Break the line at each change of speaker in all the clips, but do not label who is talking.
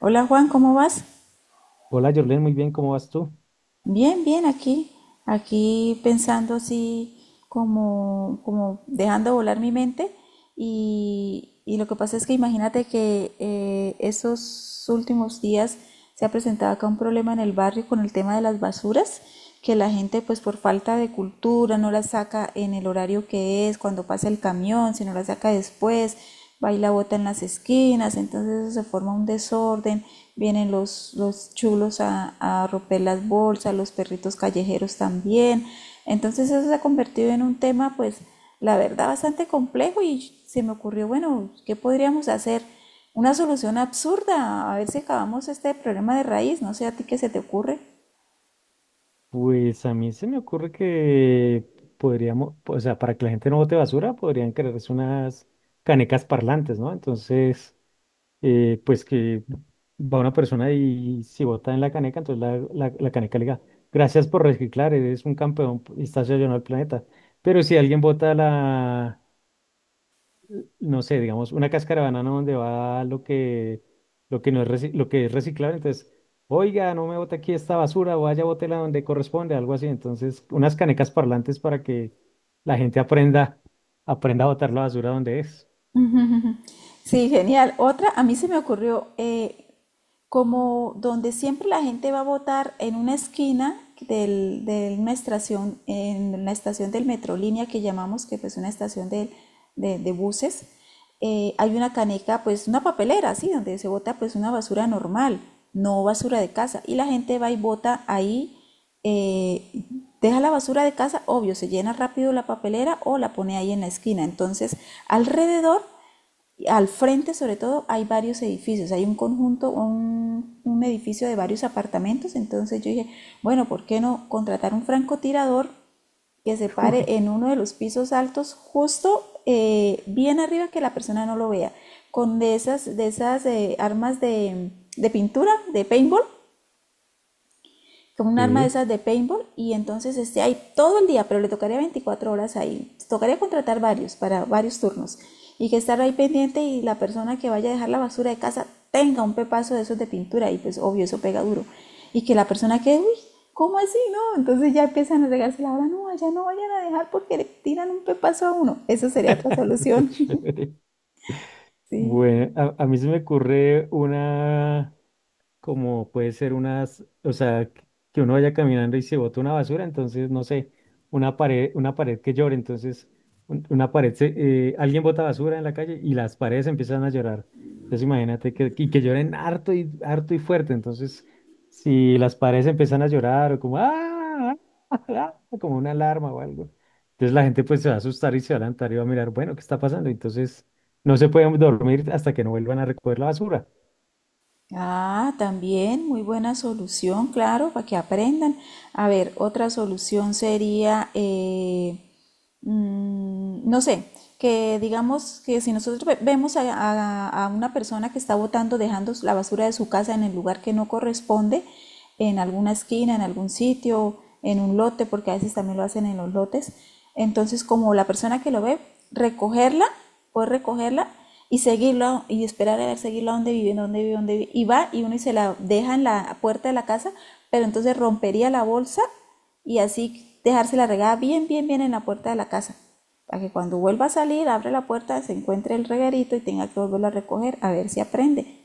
Hola Juan, ¿cómo vas?
Hola, Jorlen, muy bien, ¿cómo vas tú?
Bien, bien, aquí, pensando así como dejando volar mi mente y lo que pasa es que imagínate que esos últimos días se ha presentado acá un problema en el barrio con el tema de las basuras, que la gente pues por falta de cultura no las saca en el horario que es, cuando pasa el camión, si no las saca después, va y la bota en las esquinas. Entonces eso se forma un desorden, vienen los chulos a romper las bolsas, los perritos callejeros también. Entonces eso se ha convertido en un tema, pues, la verdad, bastante complejo, y se me ocurrió, bueno, ¿qué podríamos hacer? Una solución absurda, a ver si acabamos este problema de raíz. No sé a ti qué se te ocurre.
Pues a mí se me ocurre que podríamos, o sea, para que la gente no bote basura, podrían crearse unas canecas parlantes, ¿no? Entonces, pues que va una persona y si bota en la caneca, entonces la caneca le diga, gracias por reciclar, eres un campeón y estás ayudando al planeta. Pero si alguien bota la, no sé, digamos, una cáscara de banana donde va lo que no es reci- lo que es reciclable. Entonces, oiga, no me bote aquí esta basura, vaya, bótela donde corresponde, algo así. Entonces, unas canecas parlantes para que la gente aprenda a botar la basura donde es.
Sí, genial. Otra, a mí se me ocurrió como donde siempre la gente va a votar en una esquina del, de una estación, en la estación del Metrolínea que llamamos, que pues una estación de, de buses. Hay una caneca, pues una papelera, sí, donde se vota pues una basura normal, no basura de casa. Y la gente va y vota ahí, eh, deja la basura de casa, obvio, se llena rápido la papelera o la pone ahí en la esquina. Entonces, alrededor al frente, sobre todo, hay varios edificios, hay un conjunto, un edificio de varios apartamentos, entonces yo dije, bueno, ¿por qué no contratar un francotirador que se pare en uno de los pisos altos, justo bien arriba que la persona no lo vea, con de esas, de esas armas de pintura, de paintball, con un arma de
Sí.
esas de paintball, y entonces esté ahí todo el día, pero le tocaría 24 horas ahí. Tocaría contratar varios para varios turnos, y que estar ahí pendiente, y la persona que vaya a dejar la basura de casa tenga un pepazo de esos de pintura y pues obvio eso pega duro. Y que la persona que, uy, ¿cómo así? No, entonces ya empiezan a regarse la hora, no, allá no vayan a dejar porque le tiran un pepazo a uno. Esa sería otra
Está
solución.
chévere.
Sí.
Bueno, a mí se me ocurre una. Como puede ser unas, o sea, que uno vaya caminando y se bota una basura, entonces, no sé, una pared que llore, entonces, una pared, alguien bota basura en la calle y las paredes empiezan a llorar. Entonces, imagínate que, y que lloren harto y fuerte, entonces, si las paredes empiezan a llorar o como, ¡ah! Ah", como una alarma o algo, entonces la gente pues se va a asustar y se va a levantar y va a mirar, bueno, ¿qué está pasando? Entonces, no se pueden dormir hasta que no vuelvan a recoger la basura.
Ah, también, muy buena solución, claro, para que aprendan. A ver, otra solución sería, no sé, que digamos que si nosotros vemos a, a una persona que está botando, dejando la basura de su casa en el lugar que no corresponde, en alguna esquina, en algún sitio, en un lote, porque a veces también lo hacen en los lotes, entonces como la persona que lo ve, recogerla, puede recogerla y seguirlo y esperar a ver, seguirlo a donde vive, dónde vive, dónde vive, y va y uno y se la deja en la puerta de la casa, pero entonces rompería la bolsa y así dejarse la regada bien, bien, bien en la puerta de la casa, para que cuando vuelva a salir, abre la puerta, se encuentre el reguerito y tenga que volverlo a recoger a ver si aprende.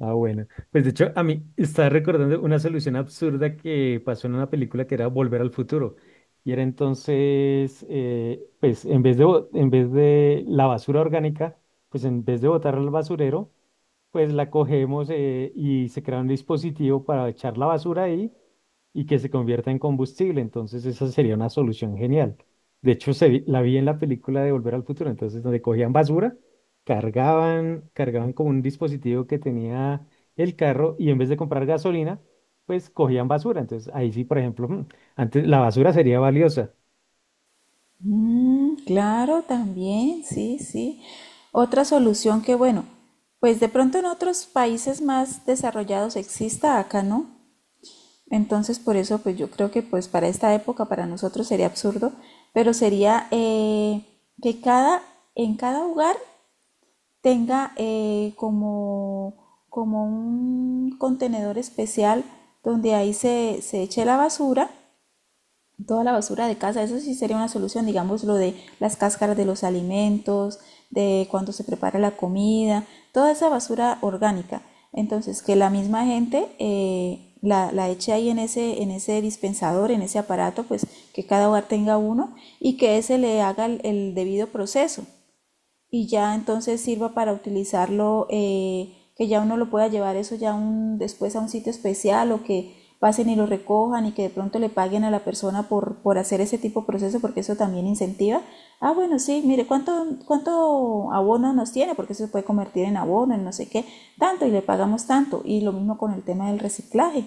Ah, bueno. Pues de hecho, a mí estaba recordando una solución absurda que pasó en una película que era Volver al Futuro. Y era entonces, pues en vez de la basura orgánica, pues en vez de botarla al basurero, pues la cogemos y se crea un dispositivo para echar la basura ahí y que se convierta en combustible. Entonces esa sería una solución genial. De hecho, la vi en la película de Volver al Futuro, entonces donde cogían basura, cargaban como un dispositivo que tenía el carro y en vez de comprar gasolina, pues cogían basura. Entonces ahí sí, por ejemplo, antes la basura sería valiosa.
Mm, claro, también, sí, sí. Otra solución que, bueno, pues de pronto en otros países más desarrollados exista, acá no. Entonces, por eso, pues yo creo que pues para esta época, para nosotros sería absurdo, pero sería que cada, en cada hogar tenga como, como un contenedor especial donde ahí se eche la basura, toda la basura de casa. Eso sí sería una solución, digamos, lo de las cáscaras de los alimentos, de cuando se prepara la comida, toda esa basura orgánica. Entonces, que la misma gente la eche ahí en ese dispensador, en ese aparato, pues que cada hogar tenga uno, y que ese le haga el debido proceso, y ya entonces sirva para utilizarlo, que ya uno lo pueda llevar eso ya un, después a un sitio especial, o que pasen y lo recojan, y que de pronto le paguen a la persona por hacer ese tipo de proceso, porque eso también incentiva. Ah, bueno, sí, mire, ¿cuánto, cuánto abono nos tiene? Porque eso se puede convertir en abono, en no sé qué, tanto y le pagamos tanto. Y lo mismo con el tema del reciclaje.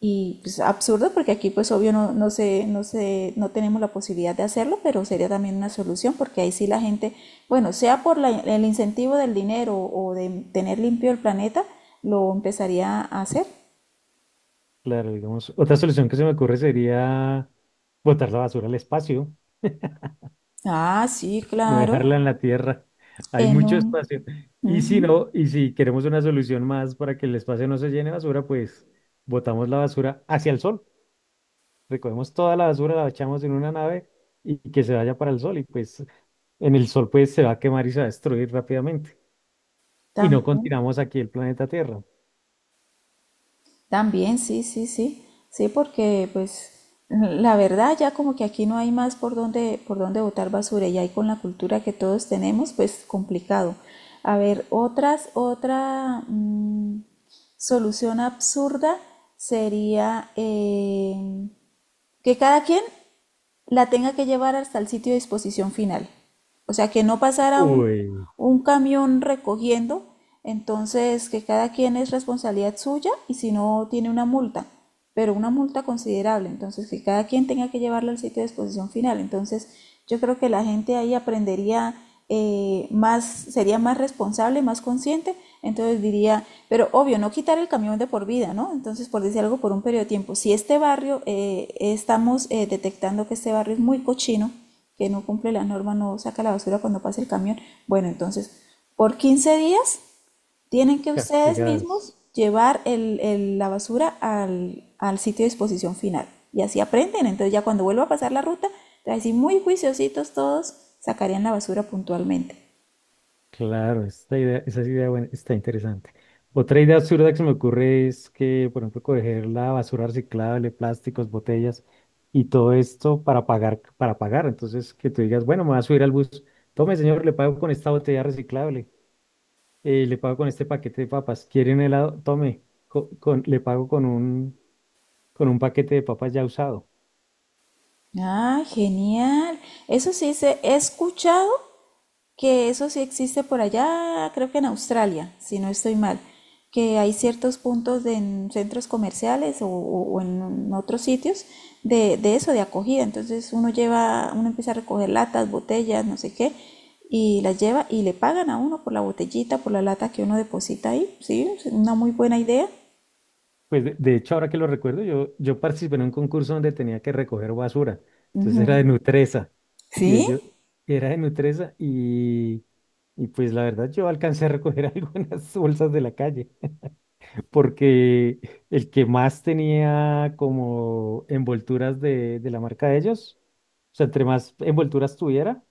Y pues, absurdo, porque aquí pues obvio no, no sé no tenemos la posibilidad de hacerlo, pero sería también una solución porque ahí sí la gente, bueno, sea por el incentivo del dinero o de tener limpio el planeta, lo empezaría a hacer.
Claro, digamos, otra solución que se me ocurre sería botar la basura al espacio.
Ah, sí,
No
claro,
dejarla en la tierra. Hay
en
mucho
un...
espacio. Y si
ujú,
no, y si queremos una solución más para que el espacio no se llene de basura, pues botamos la basura hacia el sol. Recogemos toda la basura, la echamos en una nave y que se vaya para el sol. Y pues en el sol pues se va a quemar y se va a destruir rápidamente. Y no
también.
continuamos aquí el planeta Tierra.
También, sí, sí, sí. Sí, porque pues la verdad ya como que aquí no hay más por dónde botar basura, y ahí con la cultura que todos tenemos, pues complicado. A ver, otras, otra solución absurda sería que cada quien la tenga que llevar hasta el sitio de disposición final. O sea, que no pasara
Uy,
un camión recogiendo, entonces que cada quien es responsabilidad suya y si no tiene una multa, pero una multa considerable, entonces que cada quien tenga que llevarla al sitio de disposición final. Entonces yo creo que la gente ahí aprendería, más, sería más responsable, más consciente, entonces diría, pero obvio, no quitar el camión de por vida, ¿no? Entonces, por decir algo, por un periodo de tiempo. Si este barrio, estamos detectando que este barrio es muy cochino, que no cumple la norma, no saca la basura cuando pasa el camión, bueno, entonces, por 15 días tienen que ustedes mismos
castigados.
llevar el, la basura al, al sitio de disposición final. Y así aprenden. Entonces, ya cuando vuelva a pasar la ruta, así muy juiciositos todos sacarían la basura puntualmente.
Claro, esta idea, esa es idea buena, está interesante. Otra idea absurda que se me ocurre es que, por ejemplo, coger la basura reciclable, plásticos, botellas y todo esto para pagar, para pagar. Entonces, que tú digas, bueno, me voy a subir al bus. Tome, señor, le pago con esta botella reciclable. Le pago con este paquete de papas. ¿Quiere un helado? Tome. Le pago con un paquete de papas ya usado.
Ah, genial. Eso sí se he escuchado que eso sí existe por allá, creo que en Australia, si no estoy mal, que hay ciertos puntos en centros comerciales o, o en otros sitios de eso, de acogida. Entonces uno lleva, uno empieza a recoger latas, botellas, no sé qué, y las lleva y le pagan a uno por la botellita, por la lata que uno deposita ahí. Sí, es una muy buena idea.
Pues de hecho, ahora que lo recuerdo, yo participé en un concurso donde tenía que recoger basura. Entonces era de Nutresa. Y
Sí.
ello era de Nutresa y pues la verdad yo alcancé a recoger algunas bolsas de la calle porque el que más tenía como envolturas de la marca de ellos, o sea, entre más envolturas tuviera,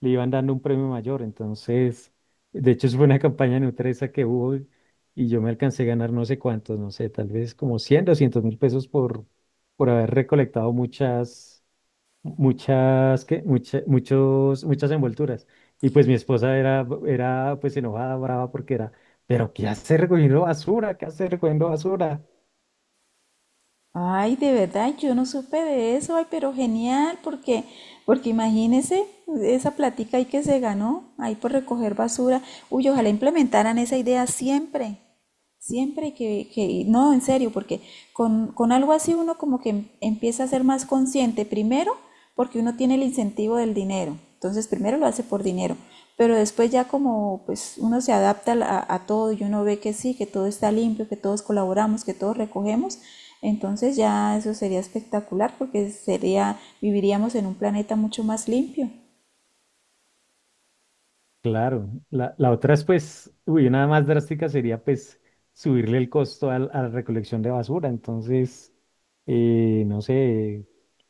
le iban dando un premio mayor. Entonces, de hecho, eso fue una campaña nutresa que hubo y yo me alcancé a ganar no sé cuántos, no sé, tal vez como 100, 200 mil pesos por haber recolectado muchas muchas envolturas. Y pues mi esposa era pues enojada, brava, porque era, pero ¿qué hace recogiendo basura? ¿Qué hace recogiendo basura?
Ay, de verdad, yo no supe de eso, ay, pero genial, porque, porque imagínese esa platica ahí que se ganó, ahí por recoger basura. Uy, ojalá implementaran esa idea siempre. Siempre que no, en serio, porque con algo así uno como que empieza a ser más consciente, primero porque uno tiene el incentivo del dinero, entonces primero lo hace por dinero, pero después ya como pues uno se adapta a todo, y uno ve que sí, que todo está limpio, que todos colaboramos, que todos recogemos, entonces ya eso sería espectacular porque sería, viviríamos en un planeta mucho más limpio.
Claro, la otra es pues, uy, una más drástica sería pues subirle el costo a la recolección de basura. Entonces, no sé,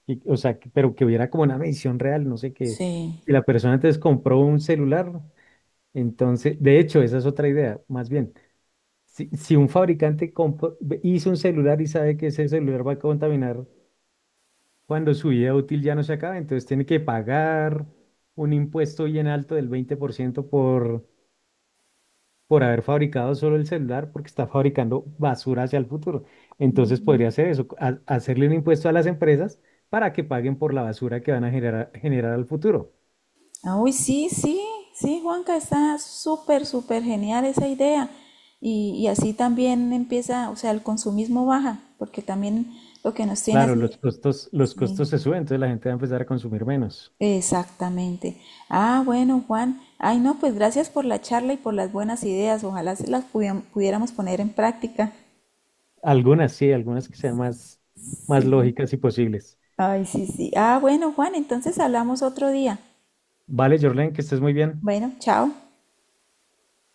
o sea, pero que hubiera como una medición real, no sé, que
Sí.
si la persona antes compró un celular, ¿no? Entonces, de hecho, esa es otra idea, más bien. Si un fabricante hizo un celular y sabe que ese celular va a contaminar cuando su vida útil ya no se acabe, entonces tiene que pagar un impuesto bien alto del 20% por, ciento por haber fabricado solo el celular, porque está fabricando basura hacia el futuro. Entonces podría hacer eso, hacerle un impuesto a las empresas para que paguen por la basura que van a generar al futuro.
Ah, uy, sí, sí, sí, Juanca, está súper, súper genial esa idea. Y así también empieza, o sea, el consumismo baja, porque también lo que nos tiene
Claro,
así.
los
Sí,
costos se suben, entonces la gente va a empezar a consumir menos.
exactamente. Ah, bueno, Juan. Ay, no, pues gracias por la charla y por las buenas ideas. Ojalá se las pudiéramos poner en práctica.
Algunas sí, algunas que sean más, más
Sí. Sí.
lógicas y posibles.
Ay, sí, sí. Ah, bueno, Juan, entonces hablamos otro día.
Vale, Jorlen, que estés muy bien.
Bueno, chao.